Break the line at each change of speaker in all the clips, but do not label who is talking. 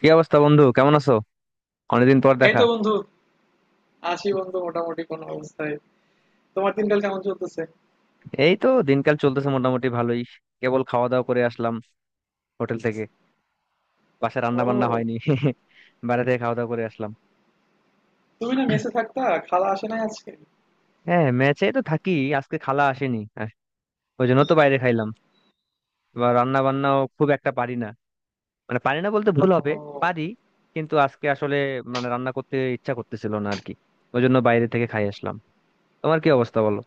কি অবস্থা বন্ধু, কেমন আছো? অনেকদিন পর
এই
দেখা।
তো বন্ধু। আছি বন্ধু, মোটামুটি কোনো অবস্থায়। তোমার দিনকাল কেমন চলতেছে?
এই তো দিনকাল চলতেছে মোটামুটি ভালোই। কেবল খাওয়া দাওয়া করে আসলাম হোটেল থেকে। বাসায় রান্না বান্না
ও,
হয়নি। বাইরে থেকে খাওয়া দাওয়া করে আসলাম।
তুমি না মেসে থাকতা? খালা আসে নাই আজকে?
হ্যাঁ, ম্যাচে তো থাকি। আজকে খালা আসেনি ওই জন্য তো বাইরে খাইলাম। বা রান্না বান্নাও খুব একটা পারি না। মানে পারি না বলতে ভুল হবে,
ও,
পারি, কিন্তু আজকে আসলে মানে রান্না করতে ইচ্ছা করতেছিল না আর কি। ওই জন্য বাইরে থেকে খাই আসলাম। তোমার কি অবস্থা বলো?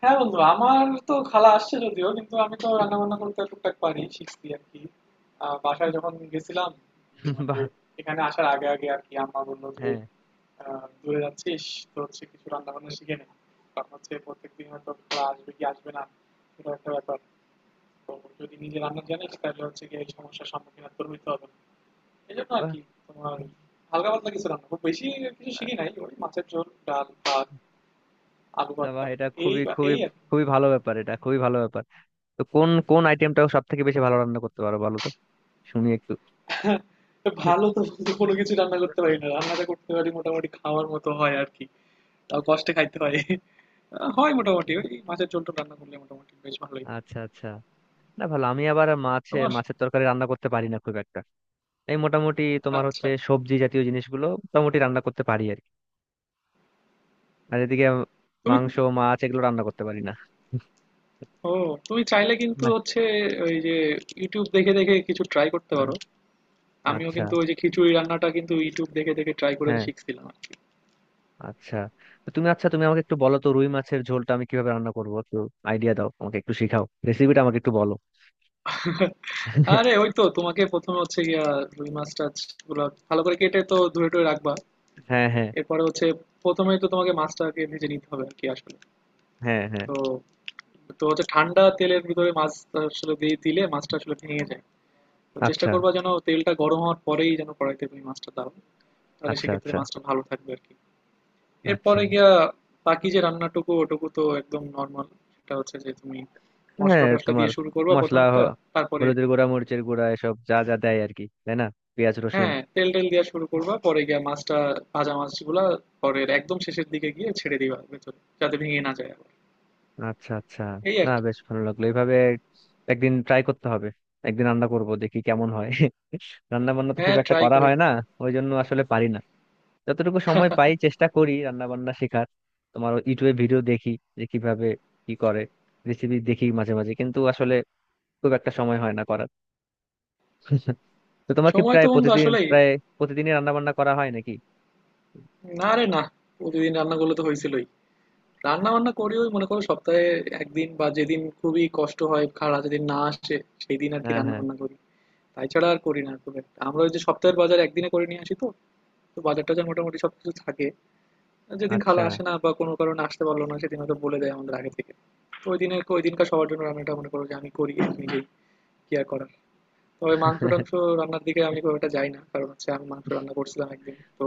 হ্যাঁ বন্ধু, আমার তো খালা আসছে যদিও, কিন্তু আমি তো রান্না বান্না করতে টুকটাক পারি, শিখছি আর কি। বাসায় যখন গেছিলাম, ওই যে
বাহ।
এখানে আসার আগে আগে আর কি, আম্মা বললো যে
হ্যাঁ,
দূরে যাচ্ছিস, তো হচ্ছে কিছু রান্না বান্না শিখে নে। কারণ হচ্ছে প্রত্যেকদিন হয়তো খালা আসবে কি আসবে না, সেটা একটা ব্যাপার। এবং যদি নিজে রান্না জানিস তাহলে হচ্ছে গিয়ে এই সমস্যার সম্মুখীন আর তোর হইতে হবে না। এই জন্য আর
বাহ
কি। তোমার হালকা পাতলা কিছু রান্না, খুব বেশি কিছু শিখি নাই, ওই মাছের ঝোল, ডাল ভাত, আলু
বাহ,
ভর্তা,
এটা
এই
খুবই খুবই
এই আর কি।
খুবই ভালো ব্যাপার, এটা খুবই ভালো ব্যাপার। তো কোন কোন আইটেমটা সব থেকে বেশি ভালো রান্না করতে পারো বলো তো, শুনি একটু।
ভালো তো বলতে কোনো কিছু রান্না করতে পারি না, রান্নাটা করতে পারি মোটামুটি, খাওয়ার মতো হয় আর কি। তাও কষ্টে খাইতে হয়। হয় মোটামুটি, ওই মাছের ঝোল টোল রান্না করলে মোটামুটি বেশ ভালোই।
আচ্ছা আচ্ছা না ভালো, আমি আবার মাছে
তোমার
মাছের তরকারি রান্না করতে পারি না খুব একটা। এই মোটামুটি তোমার হচ্ছে
আচ্ছা
সবজি জাতীয় জিনিসগুলো মোটামুটি রান্না করতে পারি আর কি। আর এদিকে
তুমি,
মাংস মাছ এগুলো রান্না করতে পারি না।
ও, তুমি চাইলে কিন্তু
না।
হচ্ছে ওই যে ইউটিউব দেখে দেখে কিছু ট্রাই করতে পারো। আমিও
আচ্ছা।
কিন্তু ওই যে খিচুড়ি রান্নাটা কিন্তু ইউটিউব দেখে দেখে ট্রাই করে
হ্যাঁ,
শিখছিলাম আর কি।
আচ্ছা। তো তুমি আমাকে একটু বলো তো, রুই মাছের ঝোলটা আমি কিভাবে রান্না করবো, একটু আইডিয়া দাও আমাকে, একটু শেখাও, রেসিপিটা আমাকে একটু বলো।
আরে ওই তো তোমাকে প্রথমে হচ্ছে গিয়া রুই মাছ টাছ গুলো ভালো করে কেটে তো ধুয়ে টুয়ে রাখবা।
হ্যাঁ হ্যাঁ
এরপরে হচ্ছে প্রথমে তো তোমাকে মাছটাকে ভেজে নিতে হবে আর কি আসলে।
হ্যাঁ হ্যাঁ
তো তো হচ্ছে ঠান্ডা তেলের ভিতরে মাছ আসলে দিয়ে দিলে মাছটা আসলে ভেঙে যায়। তো চেষ্টা
আচ্ছা
করবা যেন তেলটা গরম হওয়ার পরেই যেন কড়াইতে তুমি মাছটা দাও। তাহলে
আচ্ছা
সেক্ষেত্রে
আচ্ছা
মাছটা ভালো থাকবে আর কি।
আচ্ছা
এরপরে গিয়া বাকি যে রান্নাটুকু, ওটুকু তো একদম নর্মাল। সেটা হচ্ছে যে তুমি মশলা
হ্যাঁ,
টশলা
তোমার
দিয়ে শুরু করবা প্রথম
মশলা
একটা,
হ-
তারপরে
হলুদের গুঁড়া, মরিচের গুঁড়া, এসব যা যা দেয় আর কি, তাই না? পেঁয়াজ রসুন।
হ্যাঁ তেল টেল দিয়ে শুরু করবা, পরে গিয়া মাছটা, ভাজা মাছগুলা পরে একদম শেষের দিকে গিয়ে ছেড়ে দিবা ভেতরে, যাতে ভেঙে না যায় আবার।
আচ্ছা আচ্ছা
এই আর
না
কি।
বেশ ভালো লাগলো এইভাবে। একদিন ট্রাই করতে হবে। একদিন রান্না করব, দেখি কেমন হয়। রান্না বান্না তো খুব
হ্যাঁ,
একটা
ট্রাই
করা হয়
করো।
না, ওই জন্য আসলে পারি না। যতটুকু সময় পাই চেষ্টা করি রান্না বান্না শেখার। তোমার ইউটিউবে ভিডিও দেখি, যে কিভাবে কি করে, রেসিপি দেখি মাঝে মাঝে, কিন্তু আসলে খুব একটা সময় হয় না করার। তো তোমার কি
সময়
প্রায়
তো বন্ধু
প্রতিদিন
আসলেই।
প্রায় প্রতিদিনই রান্না বান্না করা হয় নাকি?
না রে, না, প্রতিদিন রান্নাগুলো তো হয়েছিলই। রান্না বান্না করিও মনে করো সপ্তাহে একদিন, বা যেদিন খুবই কষ্ট হয়, খালা যেদিন না আসে, সেই দিন আর কি
হ্যাঁ
রান্না
হ্যাঁ
বান্না করি। তাই ছাড়া আর করি না খুব একটা। আমরা ওই যে সপ্তাহের বাজার একদিনে করে নিয়ে আসি তো, তো বাজার টাজার মোটামুটি সবকিছু থাকে। যেদিন খালা
আচ্ছা।
আসে না বা কোনো কারণে আসতে পারলো না, সেদিন হয়তো বলে দেয় আমাদের আগে থেকে। তো ওই দিনে ওই দিনকার সবার জন্য রান্নাটা মনে করো যে আমি করি নিজেই, কি আর করার। তবে মাংস টাংস রান্নার দিকে আমি খুব একটা যাই না, কারণ হচ্ছে আমি মাংস রান্না করছিলাম একদিন, তো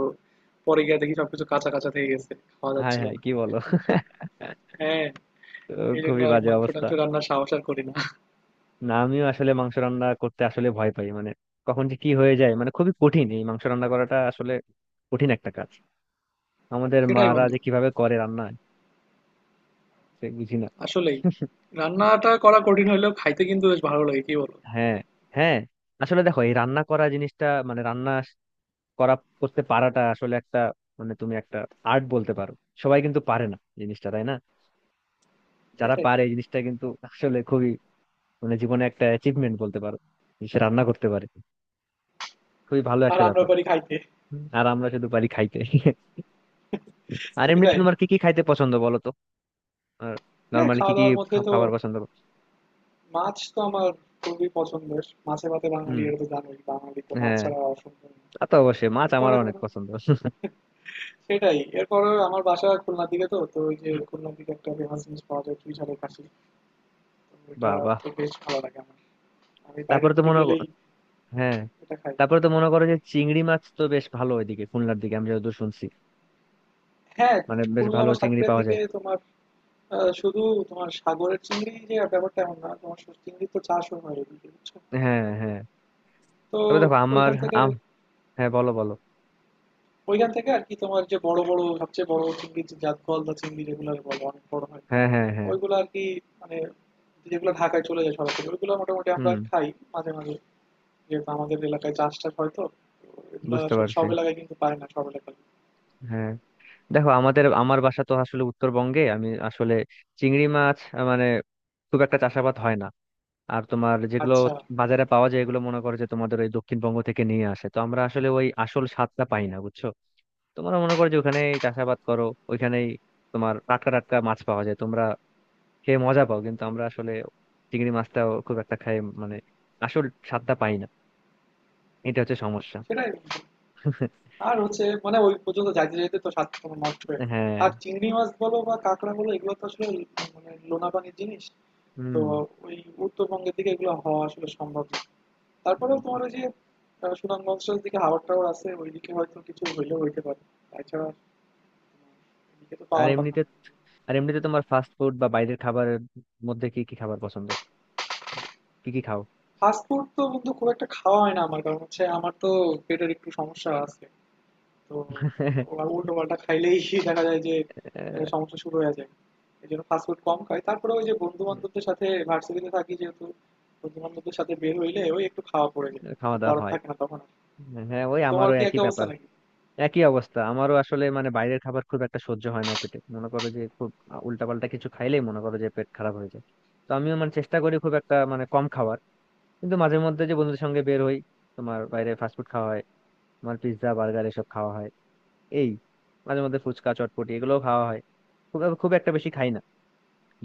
পরে গিয়ে দেখি সবকিছু কাঁচা কাঁচা থেকে গেছে, খাওয়া
হায়
যাচ্ছিল
হায়
না।
কি বলো?
বুঝছো? হ্যাঁ,
তো
এই জন্য
খুবই
আর
বাজে
মাংস
অবস্থা।
টাংস রান্নার সাহস আর করি না।
না আমিও আসলে মাংস রান্না করতে আসলে ভয় পাই, মানে কখন যে কি হয়ে যায়, মানে খুবই কঠিন এই মাংস রান্না করাটা, আসলে কঠিন একটা কাজ। আমাদের
সেটাই
মারা
বন্ধু,
যে কিভাবে করে রান্না, সে বুঝি না।
আসলেই। রান্নাটা করা কঠিন হলেও খাইতে কিন্তু বেশ ভালো লাগে, কি বলো?
হ্যাঁ হ্যাঁ আসলে দেখো এই রান্না করা জিনিসটা, মানে রান্না করা, করতে পারাটা আসলে একটা, মানে তুমি একটা আর্ট বলতে পারো। সবাই কিন্তু পারে না জিনিসটা, তাই না? যারা
সেটাই।
পারে এই জিনিসটা কিন্তু আসলে খুবই, মানে জীবনে একটা অ্যাচিভমেন্ট বলতে পারো, যে সে রান্না করতে পারে। খুবই ভালো
আর
একটা
আমরা
ব্যাপার।
পারি খাইতে।
আর আমরা শুধু পারি খাইতে। আর এমনিতে
সেটাই।
তোমার কি কি খাইতে পছন্দ বলো তো? আর
হ্যাঁ,
নর্মালি কি
খাওয়া
কি
দাওয়ার মধ্যে তো
খাবার পছন্দ করো?
মাছ তো আমার খুবই পছন্দের, মাছে ভাতে বাঙালি,
হুম।
এটা তো জানোই, বাঙালি তো মাছ
হ্যাঁ,
ছাড়া অসম্ভব না।
তা তো অবশ্যই, মাছ আমার
এরপরে
অনেক
ধরো,
পছন্দ।
সেটাই, এরপরে আমার বাসা খুলনার দিকে তো, তো ওই যে খুলনার দিকে একটা ফেমাস জিনিস পাওয়া যায় চুই ঝালের কাশি, তো এটা
বাবা।
তো বেশ ভালো লাগে আমার, আমি বাইরের
তারপরে তো
দিকে
মনে কর-
গেলেই
হ্যাঁ,
এটা খাই।
তারপরে তো মনে করো যে চিংড়ি মাছ তো বেশ ভালো ওইদিকে, খুলনার দিকে আমি যতদূর শুনছি,
হ্যাঁ,
মানে বেশ
খুলনা
ভালো
বা
চিংড়ি
সাতক্ষীরার
পাওয়া
দিকে
যায়।
তোমার শুধু তোমার সাগরের চিংড়ি যে ব্যাপারটা এমন না, তোমার চিংড়ি তো চাষও হয় এদিকে, বুঝছো?
হ্যাঁ হ্যাঁ
তো
তবে দেখো আমার
ওইখান থেকে,
আম, হ্যাঁ বলো বলো।
ওইখান থেকে আর কি তোমার যে বড় বড় সবচেয়ে বড় চিংড়ি, যে জাত গলদা চিংড়ি যেগুলো বলে, অনেক বড় হয়
হ্যাঁ হ্যাঁ হ্যাঁ
ওইগুলো আর কি, মানে যেগুলো ঢাকায় চলে যায় সরাসরি, ওইগুলো মোটামুটি আমরা
হুম,
খাই মাঝে মাঝে, যেহেতু আমাদের এলাকায় চাষ টাস হয় তো, তো এগুলো
বুঝতে
আসলে
পারছি।
সব এলাকায় কিন্তু পায় না, সব এলাকায়।
হ্যাঁ, দেখো আমাদের আমার বাসা তো আসলে উত্তরবঙ্গে, আমি আসলে চিংড়ি মাছ মানে খুব একটা চাষাবাদ হয় না। আর তোমার যেগুলো
আচ্ছা,
বাজারে পাওয়া যায় এগুলো মনে করো যে তোমাদের ওই দক্ষিণবঙ্গ থেকে নিয়ে আসে, তো আমরা আসলে ওই আসল স্বাদটা পাই না বুঝছো। তোমরা মনে করো যে ওখানেই চাষাবাদ করো, ওইখানেই তোমার টাটকা টাটকা মাছ পাওয়া যায়, তোমরা খেয়ে মজা পাও, কিন্তু আমরা আসলে চিংড়ি মাছটাও খুব একটা খাই, মানে আসল স্বাদটা পাই না, এটা হচ্ছে সমস্যা।
সেটাই। আর হচ্ছে মানে ওই পর্যন্ত যাইতে যাইতে তো স্বাদ তোমার নষ্ট হয়ে যায়।
হ্যাঁ।
আর চিংড়ি মাছ বলো বা কাঁকড়া বলো, এগুলো তো আসলে মানে লোনা পানির জিনিস। তো
হুম।
ওই উত্তরবঙ্গের দিকে এগুলো হওয়া আসলে সম্ভব না। তারপরেও তোমার ওই যে সুনামগঞ্জের দিকে হাওড় টাওয়ার আছে, ওইদিকে হয়তো কিছু হইলেও হইতে পারে, তাছাড়া এদিকে তো
আর
পাওয়ার কথা
এমনিতে,
না।
আর এমনিতে তোমার ফাস্ট ফুড বা বাইরের খাবারের মধ্যে কি কি খাবার পছন্দ, কি কি খাও?
ফাস্টফুড তো বন্ধু খুব একটা খাওয়া হয় না আমার, কারণ হচ্ছে আমার তো পেটের একটু সমস্যা আছে। তো আবার উল্টো পাল্টা খাইলেই দেখা যায় যে
আহ,
সমস্যা শুরু হয়ে যায়। এই জন্য ফাস্টফুড কম খাই। তারপরে ওই যে বন্ধু বান্ধবদের সাথে ভার্সিটিতে থাকি যেহেতু, বন্ধু বান্ধবদের সাথে বের হইলে ওই একটু খাওয়া পড়ে যায়, কিছু
খাওয়া দাওয়া
করার
হয়।
থাকে না তখন আর।
হ্যাঁ, ওই
তোমার
আমারও
কি
একই
একই অবস্থা
ব্যাপার।
নাকি?
একই অবস্থা আমারও আসলে, মানে বাইরের খাবার খুব একটা সহ্য হয় না পেটে, মনে করো যে খুব উল্টাপাল্টা কিছু খাইলেই মনে করো যে পেট খারাপ হয়ে যায়। তো আমিও মানে চেষ্টা করি খুব একটা মানে কম খাওয়ার, কিন্তু মাঝে মধ্যে যে বন্ধুদের সঙ্গে বের হই, তোমার বাইরে ফাস্টফুড খাওয়া হয়, তোমার পিৎজা বার্গার এসব খাওয়া হয়, এই মাঝে মধ্যে ফুচকা চটপটি এগুলোও খাওয়া হয়। খুব খুব একটা বেশি খাই না,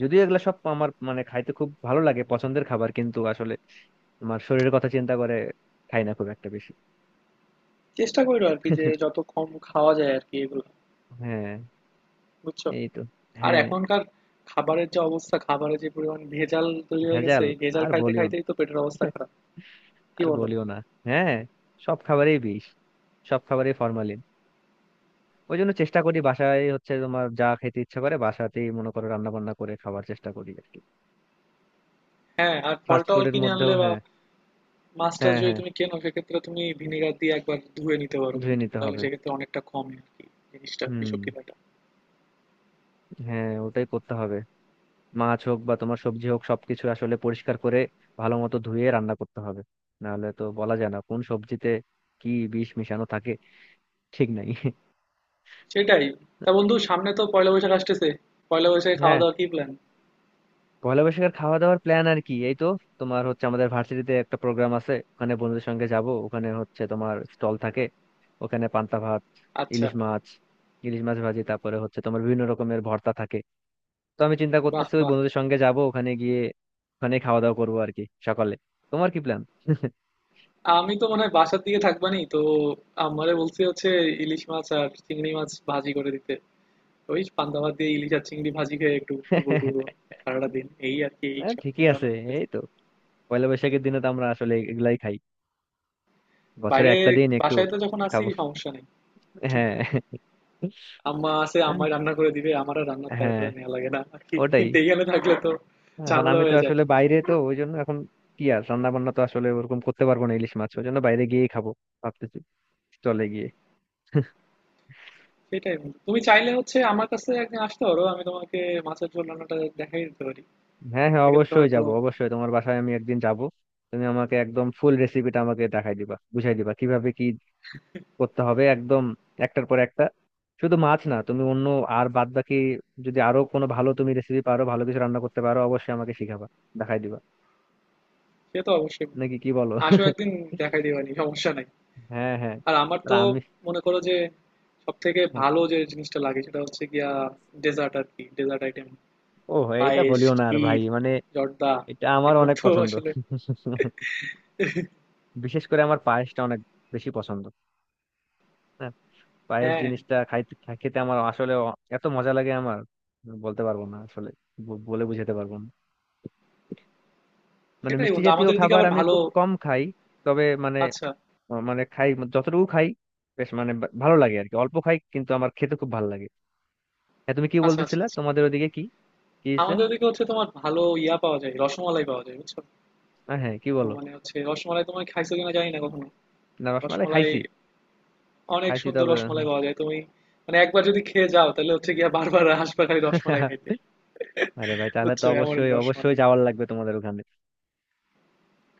যদিও এগুলা সব আমার মানে খাইতে খুব ভালো লাগে, পছন্দের খাবার, কিন্তু আসলে আমার শরীরের কথা চিন্তা করে খাই না খুব একটা বেশি।
চেষ্টা করো আর কি, যে যত কম খাওয়া যায় আর কি এগুলো।
হ্যাঁ,
বুঝছো?
এই তো।
আর
হ্যাঁ।
এখনকার খাবারের যা অবস্থা, খাবারে যে পরিমাণ ভেজাল তৈরি হয়ে গেছে,
ভেজাল
এই ভেজাল
আর
খাইতে
বলিও না।
খাইতেই তো পেটের অবস্থা খারাপ। কি
আর
বলো?
বলিও না। হ্যাঁ, সব খাবারেই বিষ, সব খাবারেই ফরমালিন। ওই জন্য চেষ্টা করি বাসায় হচ্ছে তোমার যা খেতে ইচ্ছা করে বাসাতেই মনে করো রান্না বান্না করে খাওয়ার চেষ্টা করি আর কি।
হ্যাঁ, আর ফল
ফাস্ট
টল
ফুডের
কিনে
মধ্যেও
আনলে বা
হ্যাঁ।
মাছ টাছ
হ্যাঁ
যদি
হ্যাঁ
তুমি কেনো, সেক্ষেত্রে তুমি ভিনেগার দিয়ে একবার ধুয়ে নিতে পারো
ধুয়ে
কিন্তু,
নিতে
তাহলে
হবে।
সেক্ষেত্রে অনেকটা কমে আর কি জিনিসটা,
হুম।
বিষক্রিয়াটা।
হ্যাঁ, ওটাই করতে হবে। মাছ হোক বা তোমার সবজি হোক, সবকিছু আসলে পরিষ্কার করে ভালো মতো ধুয়ে রান্না করতে হবে। নাহলে তো বলা যায় না কোন সবজিতে কি বিষ মিশানো থাকে, ঠিক নাই।
সেটাই। তা বন্ধু, সামনে তো পয়লা বৈশাখ আসতেছে, পয়লা বৈশাখে খাওয়া
হ্যাঁ,
দাওয়ার কি প্ল্যান?
পয়লা বৈশাখের খাওয়া দাওয়ার প্ল্যান আর কি এই তো। তোমার হচ্ছে আমাদের ভার্সিটিতে একটা প্রোগ্রাম আছে, ওখানে বন্ধুদের সঙ্গে যাব, ওখানে হচ্ছে তোমার স্টল থাকে, ওখানে পান্তা ভাত,
আচ্ছা।
ইলিশ মাছ, ইলিশ মাছ ভাজি, তারপরে হচ্ছে তোমার বিভিন্ন রকমের ভর্তা থাকে। তো আমি চিন্তা
বাহ
করতেছি ওই
বাহ।
বন্ধুদের সঙ্গে যাব ওখানে গিয়ে, ওখানে খাওয়া দাওয়া করবো আর কি সকালে। তোমার কি প্ল্যান?
আমি তো মনে হয় বাসার দিকে থাকবানি তো, আমারে বলছি হচ্ছে ইলিশ মাছ আর চিংড়ি মাছ ভাজি করে দিতে। ওই পান্তা ভাত দিয়ে ইলিশ আর চিংড়ি ভাজি খেয়ে একটু ঘুরবো টুরবো সারাটা দিন, এই আর কি, এই
হ্যাঁ,
সব
ঠিকই
চিন্তা ভাবনা
আছে
করতেছি।
এই তো। পয়লা বৈশাখের দিনে তো আমরা আসলে এগুলাই খাই, বছরে
বাইরে,
একটা দিন একটু
বাসায় তো যখন আসি
খাবো।
সমস্যা নেই,
হ্যাঁ,
আম্মা আছে,
জানি।
আম্মাই রান্না করে দিবে, আমার আর রান্নার প্যারা
হ্যাঁ,
ট্যারা নেওয়া লাগে না আর কি,
ওটাই।
কিন্তু এইখানে থাকলে তো
এখন
ঝামেলা
আমি তো
হয়ে যায়।
আসলে বাইরে তো ওই জন্য এখন কি আর রান্না বান্না তো আসলে ওরকম করতে পারবো না, ইলিশ মাছ ওই জন্য বাইরে গিয়েই খাবো ভাবতেছি, চলে গিয়ে।
সেটাই বন্ধু। তুমি চাইলে হচ্ছে আমার কাছে একদিন আসতে পারো, আমি তোমাকে মাছের ঝোল রান্নাটা দেখাই দিতে পারি।
হ্যাঁ হ্যাঁ
সেক্ষেত্রে
অবশ্যই
হয়তো,
যাব, অবশ্যই তোমার বাসায় আমি একদিন যাব। তুমি আমাকে একদম ফুল রেসিপিটা আমাকে দেখাই দিবা, বুঝাই দিবা কিভাবে কি করতে হবে একদম, একটার পর একটা। শুধু মাছ না, তুমি অন্য আর বাদ বাকি যদি আরো কোনো ভালো তুমি রেসিপি পারো, ভালো কিছু রান্না করতে পারো, অবশ্যই আমাকে শিখাবা, দেখাই দিবা।
সে তো অবশ্যই।
নাকি কি বলো?
আসো একদিন, দেখাই দিবানি, সমস্যা নাই।
হ্যাঁ হ্যাঁ।
আর আমার
আর
তো
আমি,
মনে করো যে সবথেকে ভালো যে জিনিসটা লাগে, সেটা হচ্ছে গিয়া ডেজার্ট আর কি, ডেজার্ট আইটেম,
ও, এটা
পায়েস,
বলিও না আর ভাই,
ক্ষীর,
মানে
জর্দা,
এটা আমার
এগুলো
অনেক
তো
পছন্দ।
আসলে।
বিশেষ করে আমার পায়েসটা অনেক বেশি পছন্দ। হ্যাঁ, পায়েস
হ্যাঁ,
জিনিসটা খাইতে, খেতে আমার আসলে এত মজা লাগে আমার, বলতে পারবো না আসলে, বলে বুঝাতে পারবো না। মানে
সেটাই
মিষ্টি
বন্ধু,
জাতীয়
আমাদের এদিকে
খাবার
আবার
আমি
ভালো,
খুব কম খাই, তবে মানে
আচ্ছা
আহ মানে খাই, যতটুকু খাই বেশ মানে ভালো লাগে আর কি। অল্প খাই কিন্তু আমার খেতে খুব ভালো লাগে। হ্যাঁ, তুমি কি
আচ্ছা আচ্ছা।
বলতেছিলে
আচ্ছা,
তোমাদের ওদিকে কি কি হয়েছে?
আমাদের ওদিকে হচ্ছে তোমার ভালো ইয়া পাওয়া যায়, রসমালাই পাওয়া যায়, বুঝছো?
হ্যাঁ কি
তো
বলো?
মানে হচ্ছে রসমালাই তোমায় খাইছো কিনা জানি না কখনো,
না রসমালাই
রসমালাই,
খাইছি,
অনেক
খাইছি
সুন্দর
তবে।
রসমালাই পাওয়া যায় তুমি, মানে একবার যদি খেয়ে যাও তাহলে হচ্ছে গিয়া বারবার আসবে খালি রসমালাই খাইতে।
আরে ভাই তাহলে তো
বুঝছো, এমন
অবশ্যই অবশ্যই
রসমালাই।
যাওয়ার লাগবে তোমাদের ওখানে,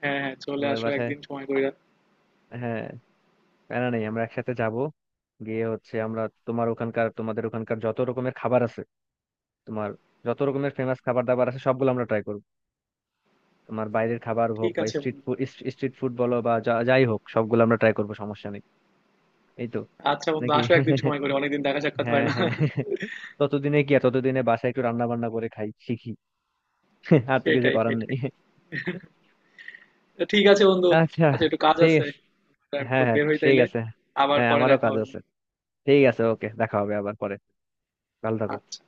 হ্যাঁ, হ্যাঁ, চলে
তোমাদের
আসো
বাসায়।
একদিন সময় কইরা।
হ্যাঁ, প্যারা নেই, আমরা একসাথে যাব, গিয়ে হচ্ছে আমরা তোমার ওখানকার, তোমাদের ওখানকার যত রকমের খাবার আছে, তোমার যত রকমের ফেমাস খাবার দাবার আছে সবগুলো আমরা ট্রাই করবো। তোমার বাইরের খাবার হোক
ঠিক
বা
আছে
স্ট্রিট
বন্ধু।
ফুড, স্ট্রিট ফুড বলো বা যাই হোক, সবগুলো আমরা ট্রাই করবো, সমস্যা নেই এই তো।
আচ্ছা বন্ধু,
নাকি।
আসো একদিন সময় করে। অনেকদিন দেখা সাক্ষাৎ
হ্যাঁ
হয় না।
হ্যাঁ। ততদিনে কি আর, ততদিনে বাসায় একটু রান্না বান্না করে খাই, শিখি, আর তো কিছু
সেটাই,
করার নেই।
সেটাই। তো ঠিক আছে বন্ধু।
আচ্ছা,
আচ্ছা, একটু কাজ
ঠিক
আছে।
আছে।
তা একটু
হ্যাঁ হ্যাঁ,
বের হই
ঠিক
তাইলে।
আছে।
আবার
হ্যাঁ,
পরে
আমারও
দেখা
কাজ
হবে নি।
আছে। ঠিক আছে, ওকে, দেখা হবে আবার পরে। ভালো থাকো।
আচ্ছা।